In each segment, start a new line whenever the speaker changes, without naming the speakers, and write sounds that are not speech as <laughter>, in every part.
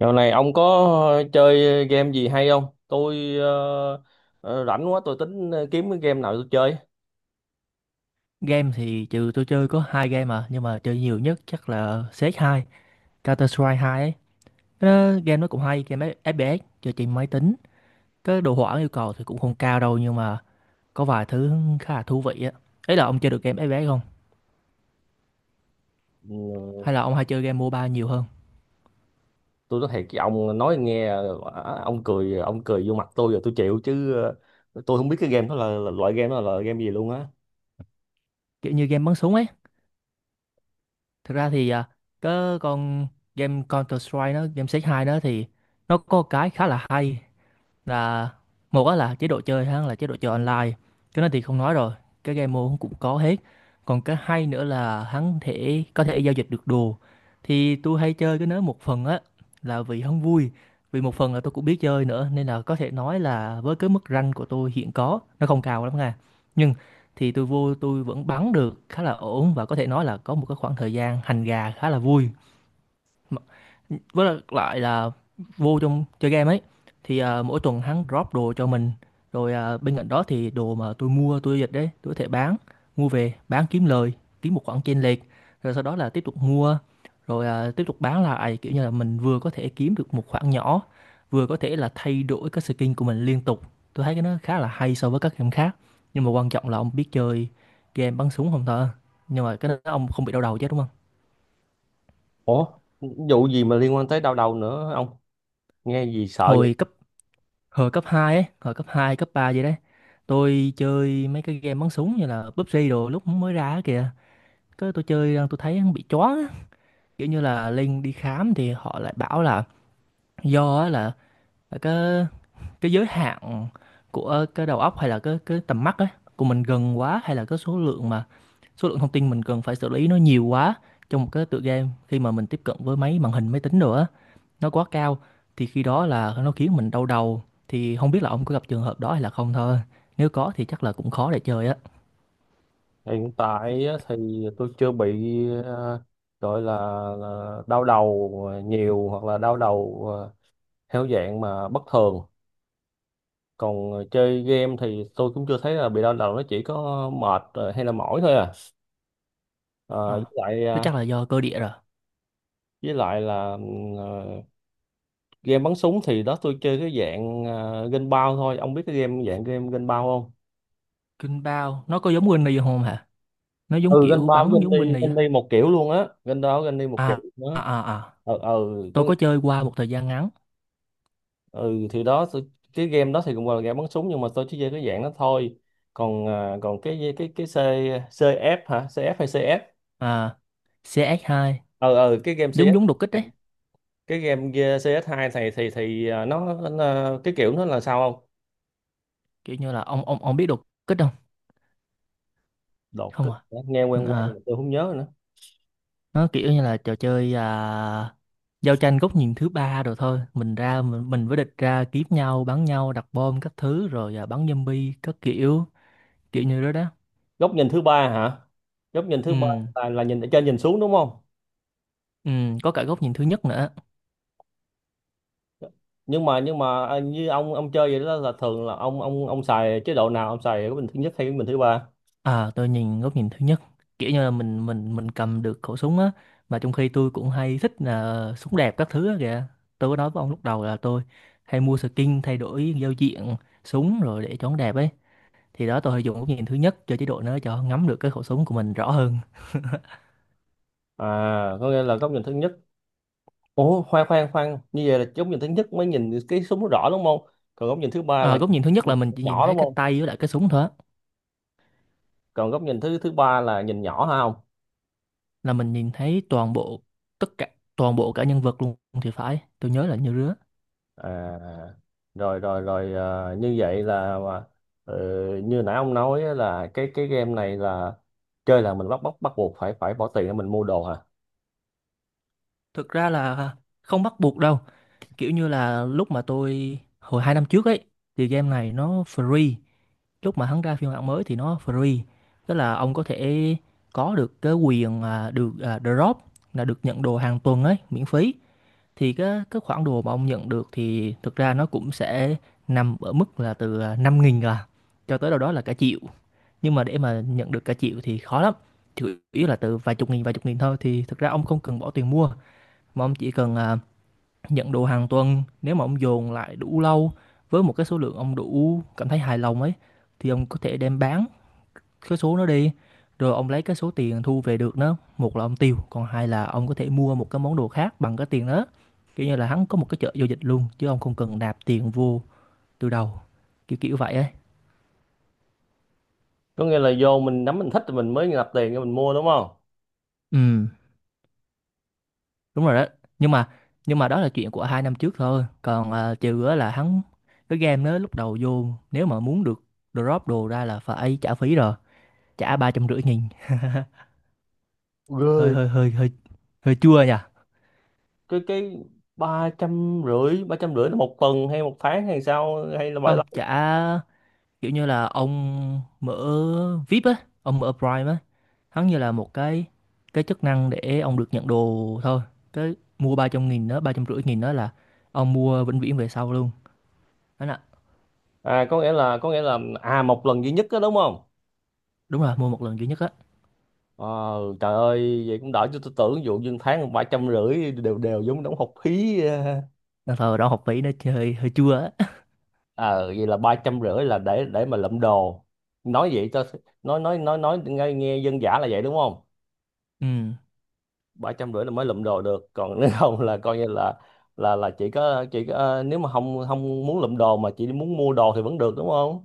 Dạo này ông có chơi game gì hay không? Tôi rảnh quá tôi tính kiếm cái game nào tôi chơi.
Game thì trừ tôi chơi có hai game à nhưng mà chơi nhiều nhất chắc là cs hai Counter Strike 2 ấy. Cái đó, game nó cũng hay, game FPS chơi trên máy tính. Cái đồ họa yêu cầu thì cũng không cao đâu nhưng mà có vài thứ khá là thú vị á. Ấy là ông chơi được game FPS không?
Ừ.
Hay là ông hay chơi game MOBA nhiều hơn?
Tôi nói thiệt với ông nói nghe, ông cười vô mặt tôi rồi tôi chịu chứ, tôi không biết cái game đó là loại game đó là game gì luôn á.
Kiểu như game bắn súng ấy. Thực ra thì cái con game Counter Strike nó, game cs hai đó thì nó có cái khá là hay là một á là chế độ chơi ha là chế độ chơi online, cái đó thì không nói rồi, cái game mode cũng có hết. Còn cái hay nữa là hắn thể có thể giao dịch được đồ. Thì tôi hay chơi cái đó một phần á là vì hắn vui, vì một phần là tôi cũng biết chơi nữa nên là có thể nói là với cái mức rank của tôi hiện có nó không cao lắm nha, nhưng thì tôi vô tôi vẫn bắn được khá là ổn và có thể nói là có một cái khoảng thời gian hành gà khá là vui. mà- với lại lại là vô trong chơi game ấy thì mỗi tuần hắn drop đồ cho mình, rồi bên cạnh đó thì đồ mà tôi mua tôi dịch đấy tôi có thể bán, mua về bán kiếm lời, kiếm một khoản chênh lệch, rồi sau đó là tiếp tục mua, rồi tiếp tục bán lại, kiểu như là mình vừa có thể kiếm được một khoản nhỏ, vừa có thể là thay đổi cái skin của mình liên tục. Tôi thấy cái nó khá là hay so với các game khác, nhưng mà quan trọng là ông biết chơi game bắn súng không thôi. Nhưng mà cái đó ông không bị đau đầu chứ đúng không?
Ủa, vụ gì mà liên quan tới đau đầu nữa ông? Nghe gì sợ vậy?
Hồi cấp hồi cấp hai, ấy hồi cấp 2, cấp 3 vậy đấy, tôi chơi mấy cái game bắn súng như là PUBG đồ lúc mới ra á kìa, cái tôi chơi tôi thấy nó bị choáng á. Kiểu như là linh đi khám thì họ lại bảo là do á là cái giới hạn của cái đầu óc hay là cái tầm mắt ấy của mình gần quá, hay là cái số lượng mà số lượng thông tin mình cần phải xử lý nó nhiều quá trong một cái tựa game, khi mà mình tiếp cận với máy màn hình máy tính đồ á nó quá cao thì khi đó là nó khiến mình đau đầu. Thì không biết là ông có gặp trường hợp đó hay là không thôi, nếu có thì chắc là cũng khó để chơi á.
Hiện tại á thì tôi chưa bị, ờ, gọi là, đau đầu nhiều hoặc là đau đầu theo dạng mà bất thường. Còn chơi game thì tôi cũng chưa thấy là bị đau đầu, nó chỉ có mệt hay là mỏi thôi à. Ờ, với
Ờ,
lại
thế chắc là do cơ địa rồi.
là game bắn súng thì đó tôi chơi cái dạng game bao thôi, ông biết cái game dạng game game bao không?
Kinh bao nó có giống Winnie không hả? Nó giống
Ừ, game
kiểu
bao với
bắn giống
game đi,
Winnie á?
game đi một kiểu luôn á, game đó game đi một kiểu
à à
nữa.
à à.
Ừ, ừ.
Tôi có chơi qua một thời gian ngắn.
Ừ, thì đó cái game đó thì cũng gọi là game bắn súng nhưng mà tôi chỉ chơi cái dạng đó thôi. Còn cái CF hả, CF hay CS?
À, CX2
Ờ cái game
giống
CS,
giống đột kích đấy,
cái game kia CS2 này thì nó cái kiểu nó là sao không?
kiểu như là ông biết đột kích không?
Đột
Không
kích
à?
hả? Nghe
Ừ,
quen quen
à
mà tôi không nhớ nữa.
nó kiểu như là trò chơi giao tranh góc nhìn thứ ba, rồi thôi mình ra mình với địch ra kiếm nhau, bắn nhau, đặt bom các thứ, rồi bắn zombie các kiểu, kiểu như đó đó.
Góc nhìn thứ ba hả? Góc nhìn
Ừ
thứ ba là nhìn ở trên nhìn xuống đúng không?
ừ, có cả góc nhìn thứ nhất nữa.
Nhưng mà như ông chơi vậy đó là thường là ông xài chế độ nào, ông xài góc nhìn thứ nhất hay góc nhìn thứ ba?
À tôi nhìn góc nhìn thứ nhất, kiểu như là mình cầm được khẩu súng á, mà trong khi tôi cũng hay thích là súng đẹp các thứ á kìa. Tôi có nói với ông lúc đầu là tôi hay mua skin thay đổi giao diện súng rồi để cho nó đẹp ấy, thì đó tôi hay dùng góc nhìn thứ nhất cho chế độ nó cho ngắm được cái khẩu súng của mình rõ hơn.
À, có nghĩa là góc nhìn thứ nhất. Ủa, khoan khoan khoan, như vậy là góc nhìn thứ nhất mới nhìn cái súng nó rõ đúng không? Còn góc nhìn thứ ba
Ờ,
là
góc
nhìn
nhìn thứ nhất là mình chỉ nhìn
nhỏ
thấy
đúng
cái
không?
tay với lại cái súng thôi á.
Còn góc nhìn thứ thứ ba là nhìn nhỏ hả không?
Là mình nhìn thấy toàn bộ, tất cả, toàn bộ cả nhân vật luôn thì phải, tôi nhớ là như rứa.
À, rồi rồi rồi. Như vậy là, ờ, như nãy ông nói á, là cái game này là chơi là mình bắt bắt bắt buộc phải phải bỏ tiền để mình mua đồ hả?
Thực ra là không bắt buộc đâu, kiểu như là lúc mà tôi hồi 2 năm trước ấy thì game này nó free, lúc mà hắn ra phiên bản mới thì nó free. Tức là ông có thể có được cái quyền được drop, là được nhận đồ hàng tuần ấy, miễn phí. Thì cái khoản đồ mà ông nhận được thì thực ra nó cũng sẽ nằm ở mức là từ, 5.000 cho tới đâu đó là cả triệu. Nhưng mà để mà nhận được cả triệu thì khó lắm, chủ yếu là từ vài chục nghìn thôi. Thì thực ra ông không cần bỏ tiền mua, mà ông chỉ cần, nhận đồ hàng tuần, nếu mà ông dồn lại đủ lâu với một cái số lượng ông đủ cảm thấy hài lòng ấy, thì ông có thể đem bán cái số nó đi, rồi ông lấy cái số tiền thu về được, nó một là ông tiêu, còn hai là ông có thể mua một cái món đồ khác bằng cái tiền đó. Kiểu như là hắn có một cái chợ giao dịch luôn, chứ ông không cần nạp tiền vô từ đầu, kiểu kiểu vậy ấy.
Có nghĩa là vô mình nắm mình thích thì mình mới nạp tiền để mình mua đúng không?
Ừ, đúng rồi đó. Nhưng mà nhưng mà đó là chuyện của 2 năm trước thôi, còn trừ á là hắn cái game đó lúc đầu vô, nếu mà muốn được drop đồ ra là phải trả phí rồi, trả 350.000. <laughs> hơi
Rồi.
hơi hơi hơi hơi chua nhỉ.
Cái ba trăm rưỡi, ba trăm rưỡi là một tuần hay một tháng hay sao, hay là bao
Không
lâu?
trả, kiểu như là ông mở VIP á, ông mở Prime á, hắn như là một cái chức năng để ông được nhận đồ thôi. Cái mua 300.000 đó, 350.000 đó là ông mua vĩnh viễn về sau luôn, đó là.
À, có nghĩa là một lần duy nhất đó đúng không?
Đúng rồi, mua một lần duy nhất á.
Ờ, trời ơi vậy cũng đỡ, cho tôi tưởng ví dụ như tháng ba trăm rưỡi đều đều giống đóng học phí.
Nên thời đó học phí nó hơi hơi chua á. <laughs>
Ờ Vậy là ba trăm rưỡi là để mà lụm đồ, nói vậy cho nói nghe, dân dã là vậy đúng không?
Ừ,
Ba trăm rưỡi là mới lụm đồ được, còn nếu không là coi như là, chỉ có, nếu mà không không muốn lụm đồ mà chỉ muốn mua đồ thì vẫn được đúng không?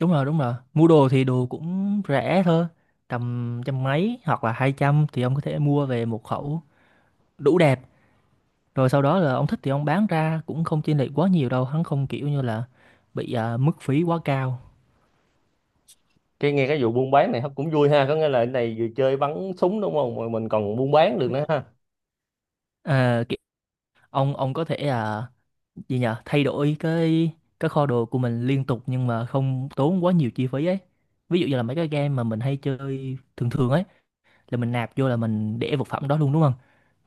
đúng rồi, mua đồ thì đồ cũng rẻ thôi, tầm trăm mấy hoặc là 200 thì ông có thể mua về một khẩu đủ đẹp. Rồi sau đó là ông thích thì ông bán ra cũng không chênh lệch quá nhiều đâu, hắn không kiểu như là bị mức phí quá cao.
Cái nghe cái vụ buôn bán này cũng vui ha, có nghĩa là cái này vừa chơi bắn súng đúng không mà mình còn buôn bán được nữa ha.
À, kiểu, ông có thể gì nhỉ, thay đổi cái kho đồ của mình liên tục nhưng mà không tốn quá nhiều chi phí ấy. Ví dụ như là mấy cái game mà mình hay chơi thường thường ấy là mình nạp vô là mình để vật phẩm đó luôn đúng không?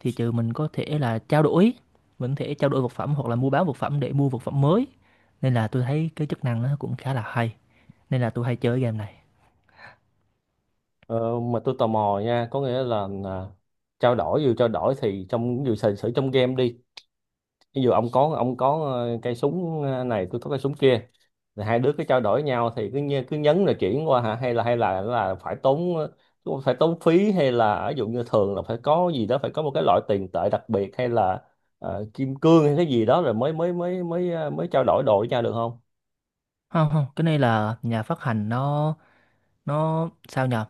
Thì trừ mình có thể là trao đổi, mình có thể trao đổi vật phẩm hoặc là mua bán vật phẩm để mua vật phẩm mới. Nên là tôi thấy cái chức năng nó cũng khá là hay. Nên là tôi hay chơi game này.
Ờ, mà tôi tò mò nha, có nghĩa là, trao đổi, vừa trao đổi thì trong, vừa sử sử trong game đi, ví dụ ông có cây súng này, tôi có cây súng kia thì hai đứa cứ trao đổi nhau thì cứ, cứ nhấn rồi chuyển qua hả, hay là phải tốn, phí, hay là ví dụ như thường là phải có gì đó, phải có một cái loại tiền tệ đặc biệt hay là kim cương hay cái gì đó rồi mới mới mới mới ờ, mới trao đổi đồ với nhau được không?
Không không, cái này là nhà phát hành nó sao nhờ,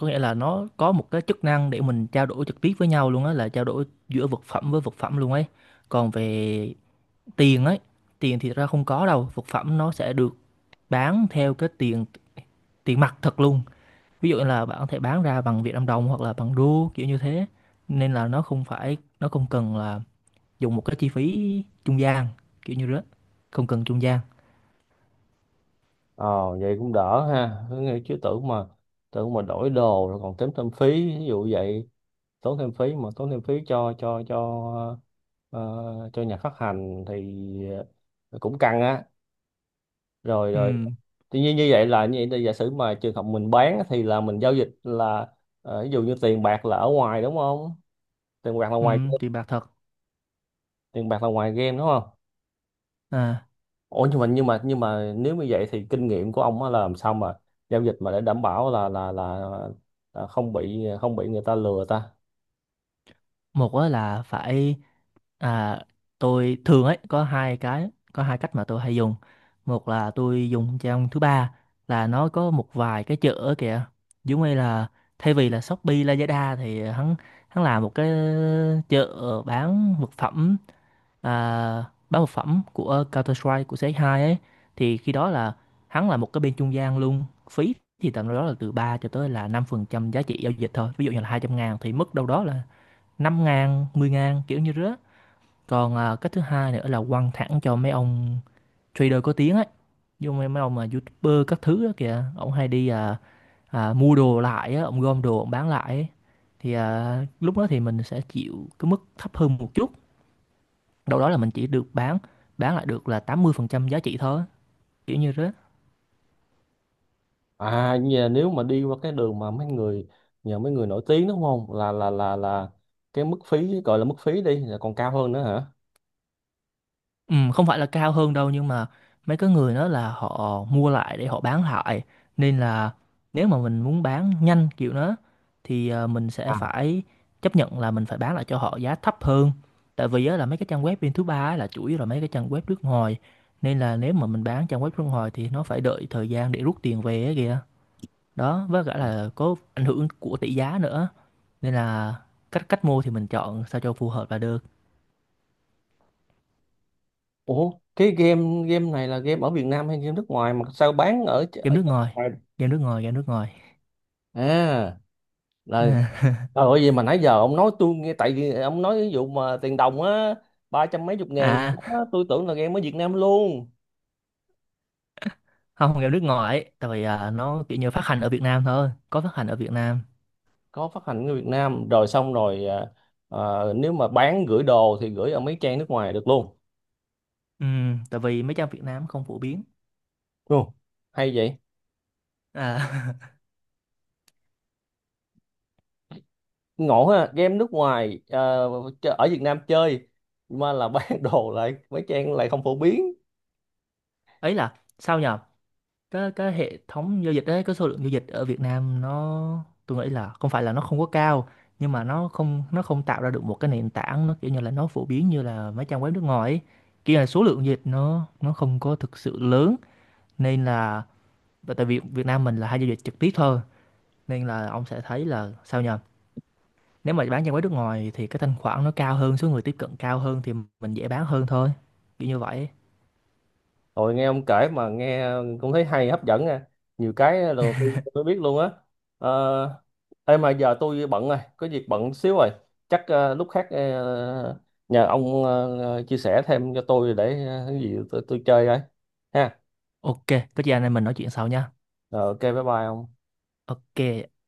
có nghĩa là nó có một cái chức năng để mình trao đổi trực tiếp với nhau luôn á, là trao đổi giữa vật phẩm với vật phẩm luôn ấy. Còn về tiền ấy, tiền thì ra không có đâu, vật phẩm nó sẽ được bán theo cái tiền, tiền mặt thật luôn. Ví dụ như là bạn có thể bán ra bằng Việt Nam đồng hoặc là bằng đô, kiểu như thế. Nên là nó không phải nó không cần là dùng một cái chi phí trung gian, kiểu như đó, không cần trung gian.
ờ Vậy cũng đỡ ha. Chứ tưởng mà, đổi đồ rồi còn tốn thêm phí ví dụ vậy. Tốn thêm phí cho, ờ, cho nhà phát hành thì cũng căng á. Rồi
ừ
rồi. Tuy nhiên như vậy là như vậy thì giả sử mà trường hợp mình bán á, thì là mình giao dịch là, ví dụ như tiền bạc là ở ngoài đúng không? Tiền bạc là
ừ
ngoài.
tiền bạc thật.
Tiền bạc là ngoài game đúng không?
À
Ủa nhưng mà nếu như vậy thì kinh nghiệm của ông á là làm sao mà giao dịch mà để đảm bảo là, là không bị, người ta lừa ta.
một á là phải, à, tôi thường ấy có hai cái, có hai cách mà tôi hay dùng. Một là tôi dùng trang thứ ba, là nó có một vài cái chợ ở kìa, giống như là thay vì là Shopee Lazada thì hắn, hắn làm một cái chợ bán vật phẩm, à, bán vật phẩm của Counter Strike, của cs hai ấy. Thì khi đó là hắn là một cái bên trung gian luôn, phí thì tầm đâu đó là từ 3 cho tới là 5% giá trị giao dịch thôi, ví dụ như là 200.000 thì mất đâu đó là 5.000, 10.000 kiểu như rứa. Còn cái thứ hai nữa là quăng thẳng cho mấy ông trader có tiếng ấy. Dù mấy ông mà YouTuber các thứ đó kìa, ông hay đi mua đồ lại á, ông gom đồ ông bán lại ấy. Thì lúc đó thì mình sẽ chịu cái mức thấp hơn một chút. Đâu đó là mình chỉ được bán lại được là 80% giá trị thôi, kiểu như thế.
À nhà, nếu mà đi qua cái đường mà mấy người nhờ mấy người nổi tiếng đúng không? Là cái mức phí, gọi là mức phí đi, là còn cao hơn nữa hả?
Ừ, không phải là cao hơn đâu, nhưng mà mấy cái người đó là họ mua lại để họ bán lại, nên là nếu mà mình muốn bán nhanh kiểu đó thì mình sẽ
À.
phải chấp nhận là mình phải bán lại cho họ giá thấp hơn. Tại vì á, là mấy cái trang web bên thứ ba á là chủ yếu là mấy cái trang web nước ngoài, nên là nếu mà mình bán trang web nước ngoài thì nó phải đợi thời gian để rút tiền về ấy kìa. Đó, với cả là có ảnh hưởng của tỷ giá nữa, nên là cách cách mua thì mình chọn sao cho phù hợp là được.
Ủa, cái game game này là game ở Việt Nam hay game nước ngoài mà sao bán ở,
Game
ở
nước
nước
ngoài,
ngoài?
game nước ngoài, game nước ngoài.
À, là
À, <laughs>
trời ơi vậy mà nãy giờ ông nói tôi nghe, tại vì ông nói ví dụ mà tiền đồng á, ba trăm mấy chục ngàn
à
á, tôi tưởng là game ở Việt Nam luôn.
không, game nước ngoài, tại vì nó kiểu như phát hành ở Việt Nam thôi, có phát hành ở Việt Nam.
Có phát hành ở Việt Nam rồi xong rồi, à, nếu mà bán gửi đồ thì gửi ở mấy trang nước ngoài được luôn
Ừ, tại vì mấy trang Việt Nam không phổ biến.
đúng không? Hay vậy.
À,
Ngộ ha, game nước ngoài, ở Việt Nam chơi, mà là <laughs> bán đồ lại mấy trang lại không phổ biến.
<laughs> ấy là sao nhờ, cái hệ thống giao dịch đấy, cái số lượng giao dịch ở Việt Nam nó tôi nghĩ là không phải là nó không có cao, nhưng mà nó không tạo ra được một cái nền tảng nó kiểu như là nó phổ biến như là mấy trang web nước ngoài ấy. Kia là số lượng giao dịch nó không có thực sự lớn, nên là, và tại vì Việt Nam mình là hay giao dịch trực tiếp thôi nên là ông sẽ thấy là sao nhờ. Nếu mà bán cho mấy nước ngoài thì cái thanh khoản nó cao hơn, số người tiếp cận cao hơn thì mình dễ bán hơn thôi. Kiểu như vậy.
Rồi nghe ông kể mà nghe cũng thấy hay hấp dẫn nha, nhiều cái là đầu tiên tôi mới biết luôn á. Ờ. Ê mà giờ tôi bận rồi, có việc bận xíu rồi, chắc lúc khác nhờ ông chia sẻ thêm cho tôi để cái gì tôi chơi ấy ha.
Ok, có gì anh em mình nói chuyện sau nha.
Rồi, ok bye bye ông.
Ok.